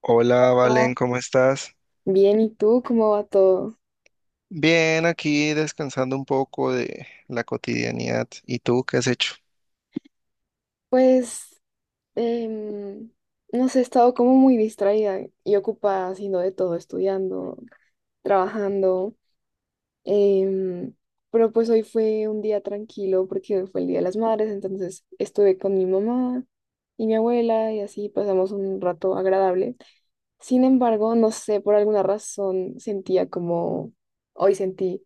Hola, Hola. Valen, ¿cómo estás? Bien, ¿y tú cómo va todo? Bien, aquí descansando un poco de la cotidianidad. ¿Y tú qué has hecho? Pues, em, no sé, he estado como muy distraída y ocupada haciendo de todo, estudiando, trabajando, em, pero pues hoy fue un día tranquilo porque hoy fue el Día de las Madres, entonces estuve con mi mamá y mi abuela y así pasamos un rato agradable. Sin embargo, no sé, por alguna razón sentía como, hoy sentí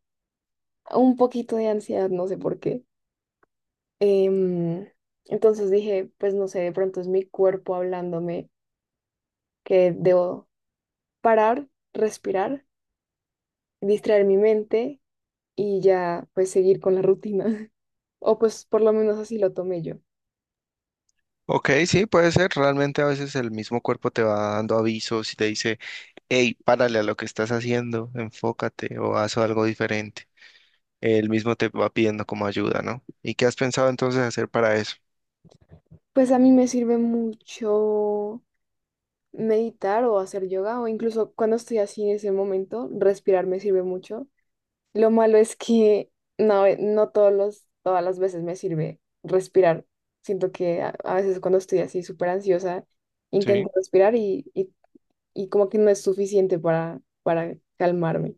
un poquito de ansiedad, no sé por qué. Em, entonces dije, pues no sé, de pronto es mi cuerpo hablándome que debo parar, respirar, distraer mi mente y ya pues seguir con la rutina. O pues por lo menos así lo tomé yo. Ok, sí, puede ser. Realmente a veces el mismo cuerpo te va dando avisos y te dice, hey, párale a lo que estás haciendo, enfócate o haz algo diferente. Él mismo te va pidiendo como ayuda, ¿no? ¿Y qué has pensado entonces hacer para eso? Pues a mí me sirve mucho meditar o hacer yoga o incluso cuando estoy así en ese momento, respirar me sirve mucho. Lo malo es que no, no todos todas las veces me sirve respirar. Siento que a veces cuando estoy así súper ansiosa, Sí. intento respirar y como que no es suficiente para calmarme.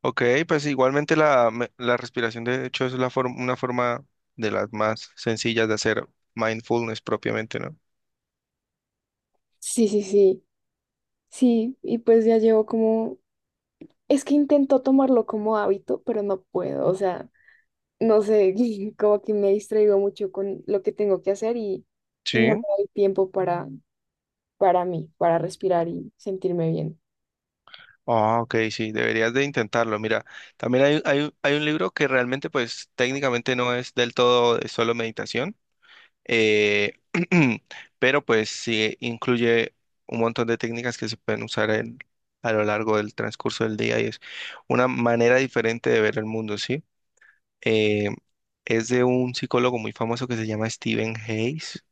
Ok, pues igualmente la respiración de hecho es la forma, una forma de las más sencillas de hacer mindfulness propiamente, ¿no? Sí, sí, sí, sí. Y pues ya llevo como, es que intento tomarlo como hábito, pero no puedo. O sea, no sé, como que me distraigo mucho con lo que tengo que hacer y no me Sí. doy tiempo para mí, para respirar y sentirme bien. Ah, ok, sí, deberías de intentarlo. Mira, también hay un libro que realmente, pues, técnicamente no es del todo de solo meditación, eh, pero pues sí incluye un montón de técnicas que se pueden usar a lo largo del transcurso del día y es una manera diferente de ver el mundo, ¿sí? Eh, es de un psicólogo muy famoso que se llama Stephen Hayes,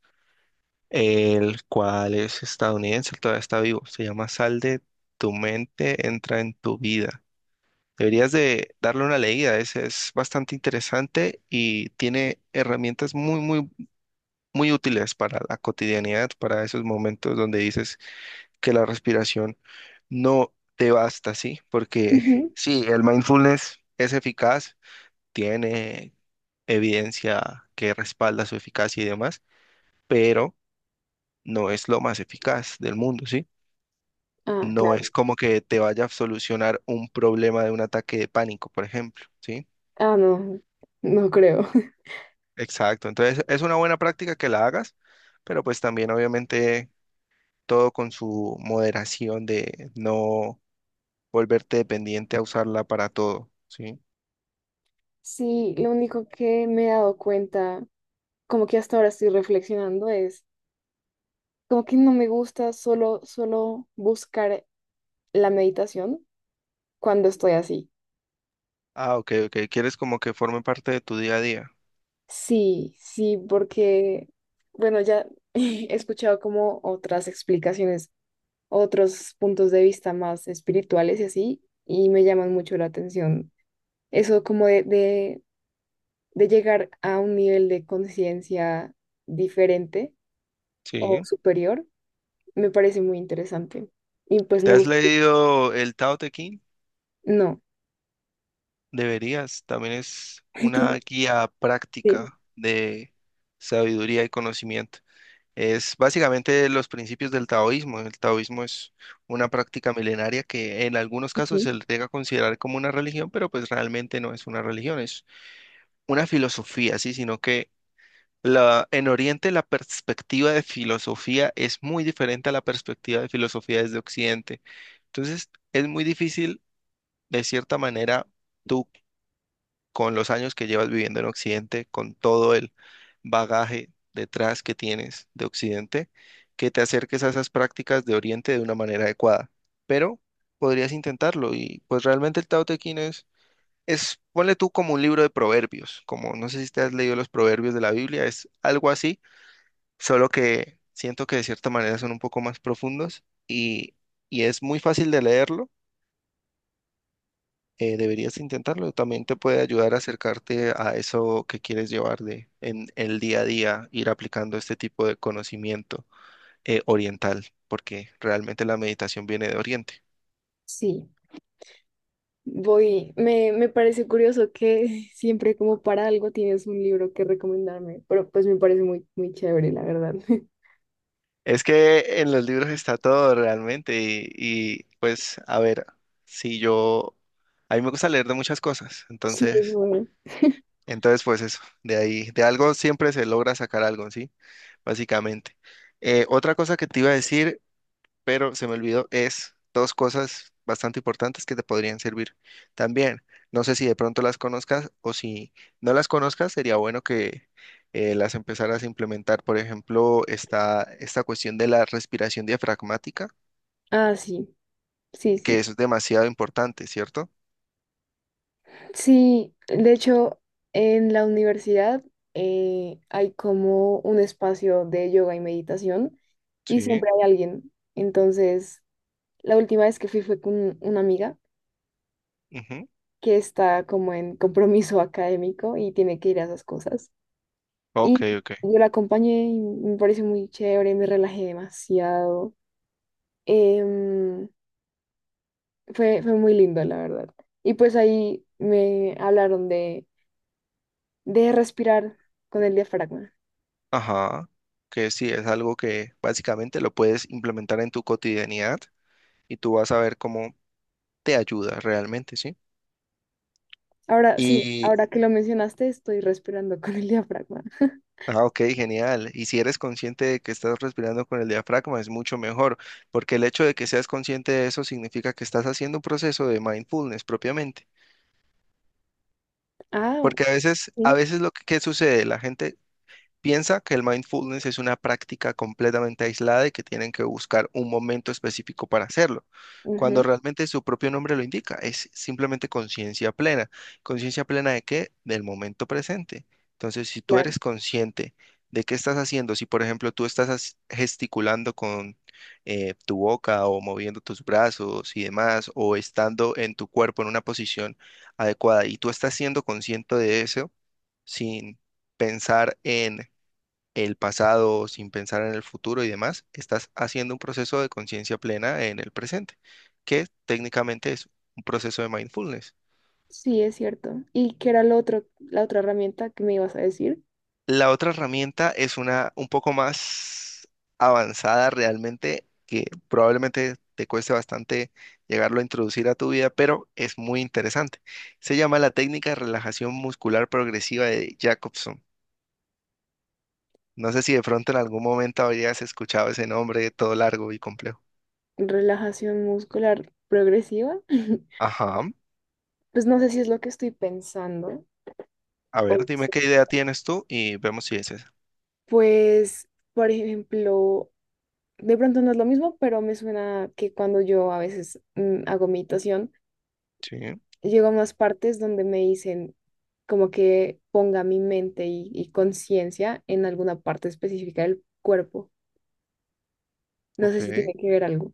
el cual es estadounidense, todavía está vivo. Se llama Sal de tu mente, entra en tu vida. Deberías de darle una leída, es bastante interesante y tiene herramientas muy útiles para la cotidianidad, para esos momentos donde dices que la respiración no te basta, ¿sí? Porque Ujú. sí, el mindfulness es eficaz, tiene evidencia que respalda su eficacia y demás, pero no es lo más eficaz del mundo, ¿sí? Ah, No es claro. como que te vaya a solucionar un problema de un ataque de pánico, por ejemplo, ¿sí? Ah, no, no creo. Exacto, entonces es una buena práctica que la hagas, pero pues también obviamente todo con su moderación de no volverte dependiente a usarla para todo, ¿sí? Sí, lo único que me he dado cuenta, como que hasta ahora estoy reflexionando, es como que no me gusta solo buscar la meditación cuando estoy así. Ah, ok, ok, quieres como que forme parte de tu día a día, Sí, sí, porque, bueno, ya he escuchado como otras explicaciones, otros puntos de vista más espirituales y así, y me llaman mucho la atención. Eso como de llegar a un nivel de conciencia diferente o ¿sí? superior, me parece muy interesante. Y pues ¿Te me has gusta. leído el Tao Te Ching? No. Deberías, también es una Entonces, guía sí. práctica de sabiduría y conocimiento. Es básicamente los principios del taoísmo. El taoísmo es una práctica milenaria que en algunos casos Ujú. se le llega a considerar como una religión, pero pues realmente no es una religión, es una filosofía, sí, sino que en Oriente la perspectiva de filosofía es muy diferente a la perspectiva de filosofía desde Occidente. Entonces, es muy difícil, de cierta manera, tú con los años que llevas viviendo en Occidente, con todo el bagaje detrás que tienes de Occidente, que te acerques a esas prácticas de Oriente de una manera adecuada. Pero podrías intentarlo y pues realmente el Tao Te Ching ponle tú como un libro de proverbios, como no sé si te has leído los proverbios de la Biblia, es algo así, solo que siento que de cierta manera son un poco más profundos y es muy fácil de leerlo. Deberías intentarlo. También te puede ayudar a acercarte a eso que quieres llevar de en el día a día, ir aplicando este tipo de conocimiento oriental, porque realmente la meditación viene de Oriente. Sí. Voy. Me parece curioso que siempre como para algo tienes un libro que recomendarme, pero pues me parece muy, muy chévere, la verdad. Es que en los libros está todo realmente pues a ver, si yo, a mí me gusta leer de muchas cosas, Sí, es entonces, bueno. entonces pues eso, de ahí, de algo siempre se logra sacar algo, ¿sí? Básicamente. Otra cosa que te iba a decir pero se me olvidó, es dos cosas bastante importantes que te podrían servir también. No sé si de pronto las conozcas o si no las conozcas, sería bueno que las empezaras a implementar. Por ejemplo, está esta cuestión de la respiración diafragmática, Ah, sí. Sí, que sí. eso es demasiado importante, ¿cierto? Sí, de hecho, en la universidad hay como un espacio de yoga y meditación y Sí, siempre hay alguien. Entonces, la última vez que fui fue con una amiga ujú. que está como en compromiso académico y tiene que ir a esas cosas. Ok, Y ok. yo la acompañé y me pareció muy chévere, me relajé demasiado. Em, fue fue muy lindo, la verdad. Y pues ahí me hablaron de respirar con el diafragma. Ajá. Que sí, es algo que básicamente lo puedes implementar en tu cotidianidad y tú vas a ver cómo te ayuda realmente, ¿sí? Ahora sí, Y ahora que lo mencionaste, estoy respirando con el diafragma. ah, ok, genial. Y si eres consciente de que estás respirando con el diafragma, es mucho mejor, porque el hecho de que seas consciente de eso significa que estás haciendo un proceso de mindfulness propiamente. Ah, Porque a sí, veces lo que sucede, la gente piensa que el mindfulness es una práctica completamente aislada y que tienen que buscar un momento específico para hacerlo, cuando ujú, realmente su propio nombre lo indica, es simplemente conciencia plena. ¿Conciencia plena de qué? Del momento presente. Entonces, si tú eres claro. consciente de qué estás haciendo, si por ejemplo gesticulando con tu boca o moviendo tus brazos y demás, o estando en tu cuerpo en una posición adecuada y tú estás siendo consciente de eso sin pensar en el pasado, sin pensar en el futuro y demás, estás haciendo un proceso de conciencia plena en el presente, que técnicamente es un proceso de mindfulness. Sí, es cierto. ¿Y qué era lo otro, la otra herramienta que me ibas a decir? La otra herramienta es una un poco más avanzada realmente, que probablemente te cueste bastante llegarlo a introducir a tu vida, pero es muy interesante. Se llama la técnica de relajación muscular progresiva de Jacobson. No sé si de pronto en algún momento habrías escuchado ese nombre todo largo y complejo. Relajación muscular progresiva. Ajá. Pues no sé si es lo que estoy pensando. A O ver, dime si- qué idea tienes tú y vemos si es esa. Pues, por ejemplo, de pronto no es lo mismo, pero me suena que cuando yo a veces hago meditación, Sí, llego a más partes donde me dicen como que ponga mi mente y conciencia en alguna parte específica del cuerpo. No sé si ok. tiene que ver algo.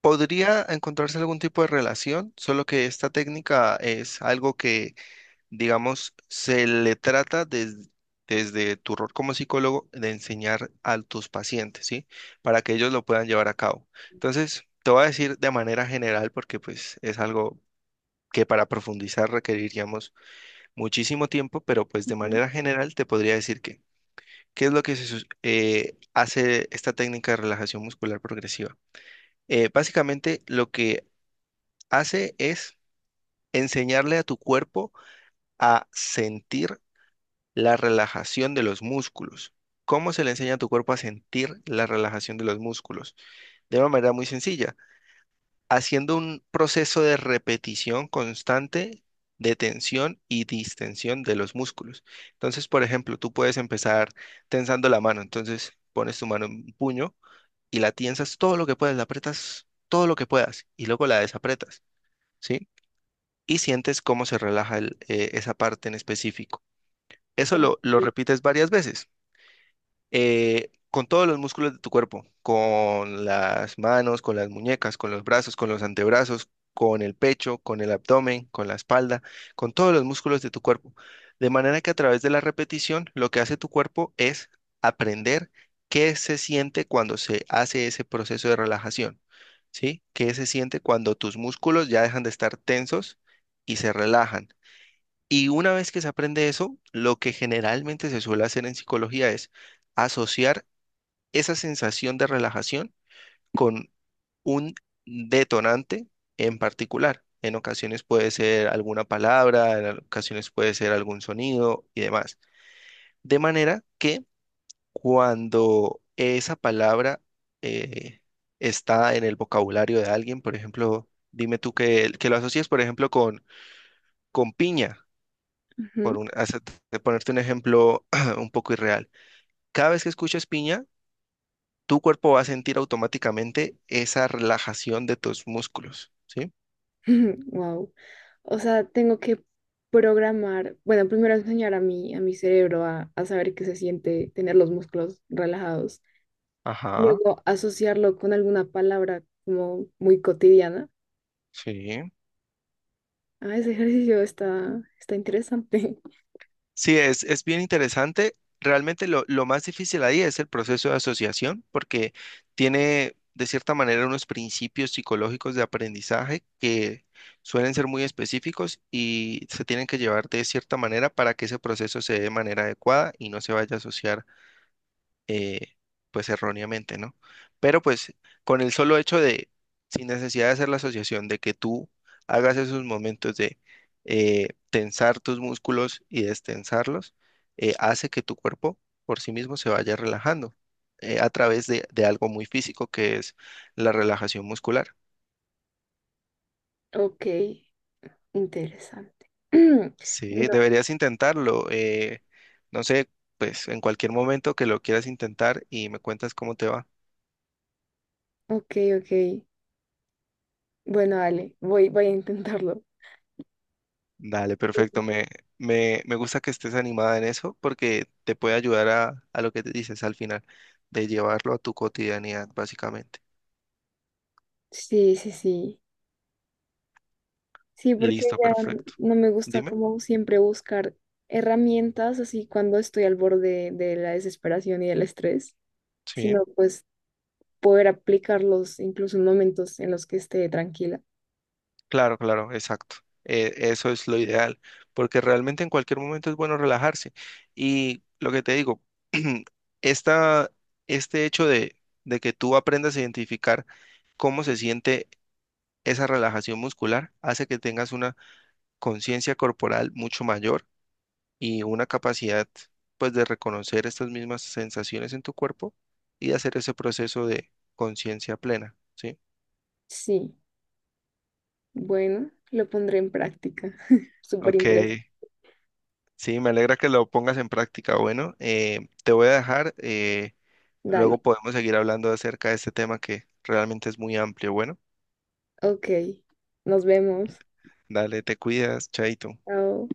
Podría encontrarse algún tipo de relación, solo que esta técnica es algo que, digamos, se le trata des- desde tu rol como psicólogo de enseñar a tus pacientes, ¿sí? Para que ellos lo puedan llevar a cabo. Entonces, te voy a decir de manera general porque pues es algo que para profundizar requeriríamos muchísimo tiempo, pero pues de Ujú. manera general te podría decir que ¿qué es lo que hace esta técnica de relajación muscular progresiva? Básicamente lo que hace es enseñarle a tu cuerpo a sentir la relajación de los músculos. ¿Cómo se le enseña a tu cuerpo a sentir la relajación de los músculos? De una manera muy sencilla, haciendo un proceso de repetición constante de tensión y distensión de los músculos. Entonces, por ejemplo, tú puedes empezar tensando la mano, entonces pones tu mano en un puño y la tiensas todo lo que puedas, la apretas todo lo que puedas y luego la desapretas, ¿sí? Y sientes cómo se relaja esa parte en específico. Eso Ok. Lo repites varias veces con todos los músculos de tu cuerpo, con las manos, con las muñecas, con los brazos, con los antebrazos, con el pecho, con el abdomen, con la espalda, con todos los músculos de tu cuerpo. De manera que a través de la repetición, lo que hace tu cuerpo es aprender qué se siente cuando se hace ese proceso de relajación, ¿sí? ¿Qué se siente cuando tus músculos ya dejan de estar tensos y se relajan? Y una vez que se aprende eso, lo que generalmente se suele hacer en psicología es asociar esa sensación de relajación con un detonante en particular. En ocasiones puede ser alguna palabra, en ocasiones puede ser algún sonido y demás. De manera que cuando esa palabra eh, está en el vocabulario de alguien, por ejemplo, dime tú que lo asocies, por ejemplo, con piña por Ujú. un, hace- de ponerte un ejemplo un poco irreal. Cada vez que escuches piña, tu cuerpo va a sentir automáticamente esa relajación de tus músculos, ¿sí? Wow. O sea, tengo que programar, bueno, primero enseñar a a mi cerebro a saber qué se siente tener los músculos relajados. Ajá, Luego asociarlo con alguna palabra como muy cotidiana. sí. Ah, ese ejercicio está interesante. Sí, es bien interesante. Realmente lo más difícil ahí es el proceso de asociación, porque tiene de cierta manera unos principios psicológicos de aprendizaje que suelen ser muy específicos y se tienen que llevar de cierta manera para que ese proceso se dé de manera adecuada y no se vaya a asociar eh, pues erróneamente, ¿no? Pero pues con el solo hecho sin necesidad de hacer la asociación, de que tú hagas esos momentos de tensar tus músculos y destensarlos, hace que tu cuerpo por sí mismo se vaya relajando a través de algo muy físico que es la relajación muscular. Ok. Interesante. Sí, Bueno, deberías intentarlo. No sé, pues en cualquier momento que lo quieras intentar y me cuentas cómo te va. ok, ok. Bueno, dale, voy a intentarlo. Dale, perfecto. Me gusta que estés animada en eso porque te puede ayudar a lo que te dices al final, de llevarlo a tu cotidianidad, básicamente. Sí, sí, sí. Sí, porque Listo, ya perfecto. no me gusta Dime. como siempre buscar herramientas así cuando estoy al borde de la desesperación y del estrés, Sí, sino pues poder aplicarlos incluso en momentos en los que esté tranquila. claro, claro, exacto. Eso es lo ideal, porque realmente en cualquier momento es bueno relajarse. Y lo que te digo, esta, este hecho de que tú aprendas a identificar cómo se siente esa relajación muscular hace que tengas una conciencia corporal mucho mayor y una capacidad pues de reconocer estas mismas sensaciones en tu cuerpo y hacer ese proceso de conciencia plena, ¿sí? Sí, bueno, lo pondré en práctica. Súper Ok, interesante. sí, me alegra que lo pongas en práctica. Bueno, te voy a dejar, Dale, luego podemos seguir hablando acerca de este tema que realmente es muy amplio. Bueno, ok. Nos vemos. dale, te cuidas, chaito. Chao.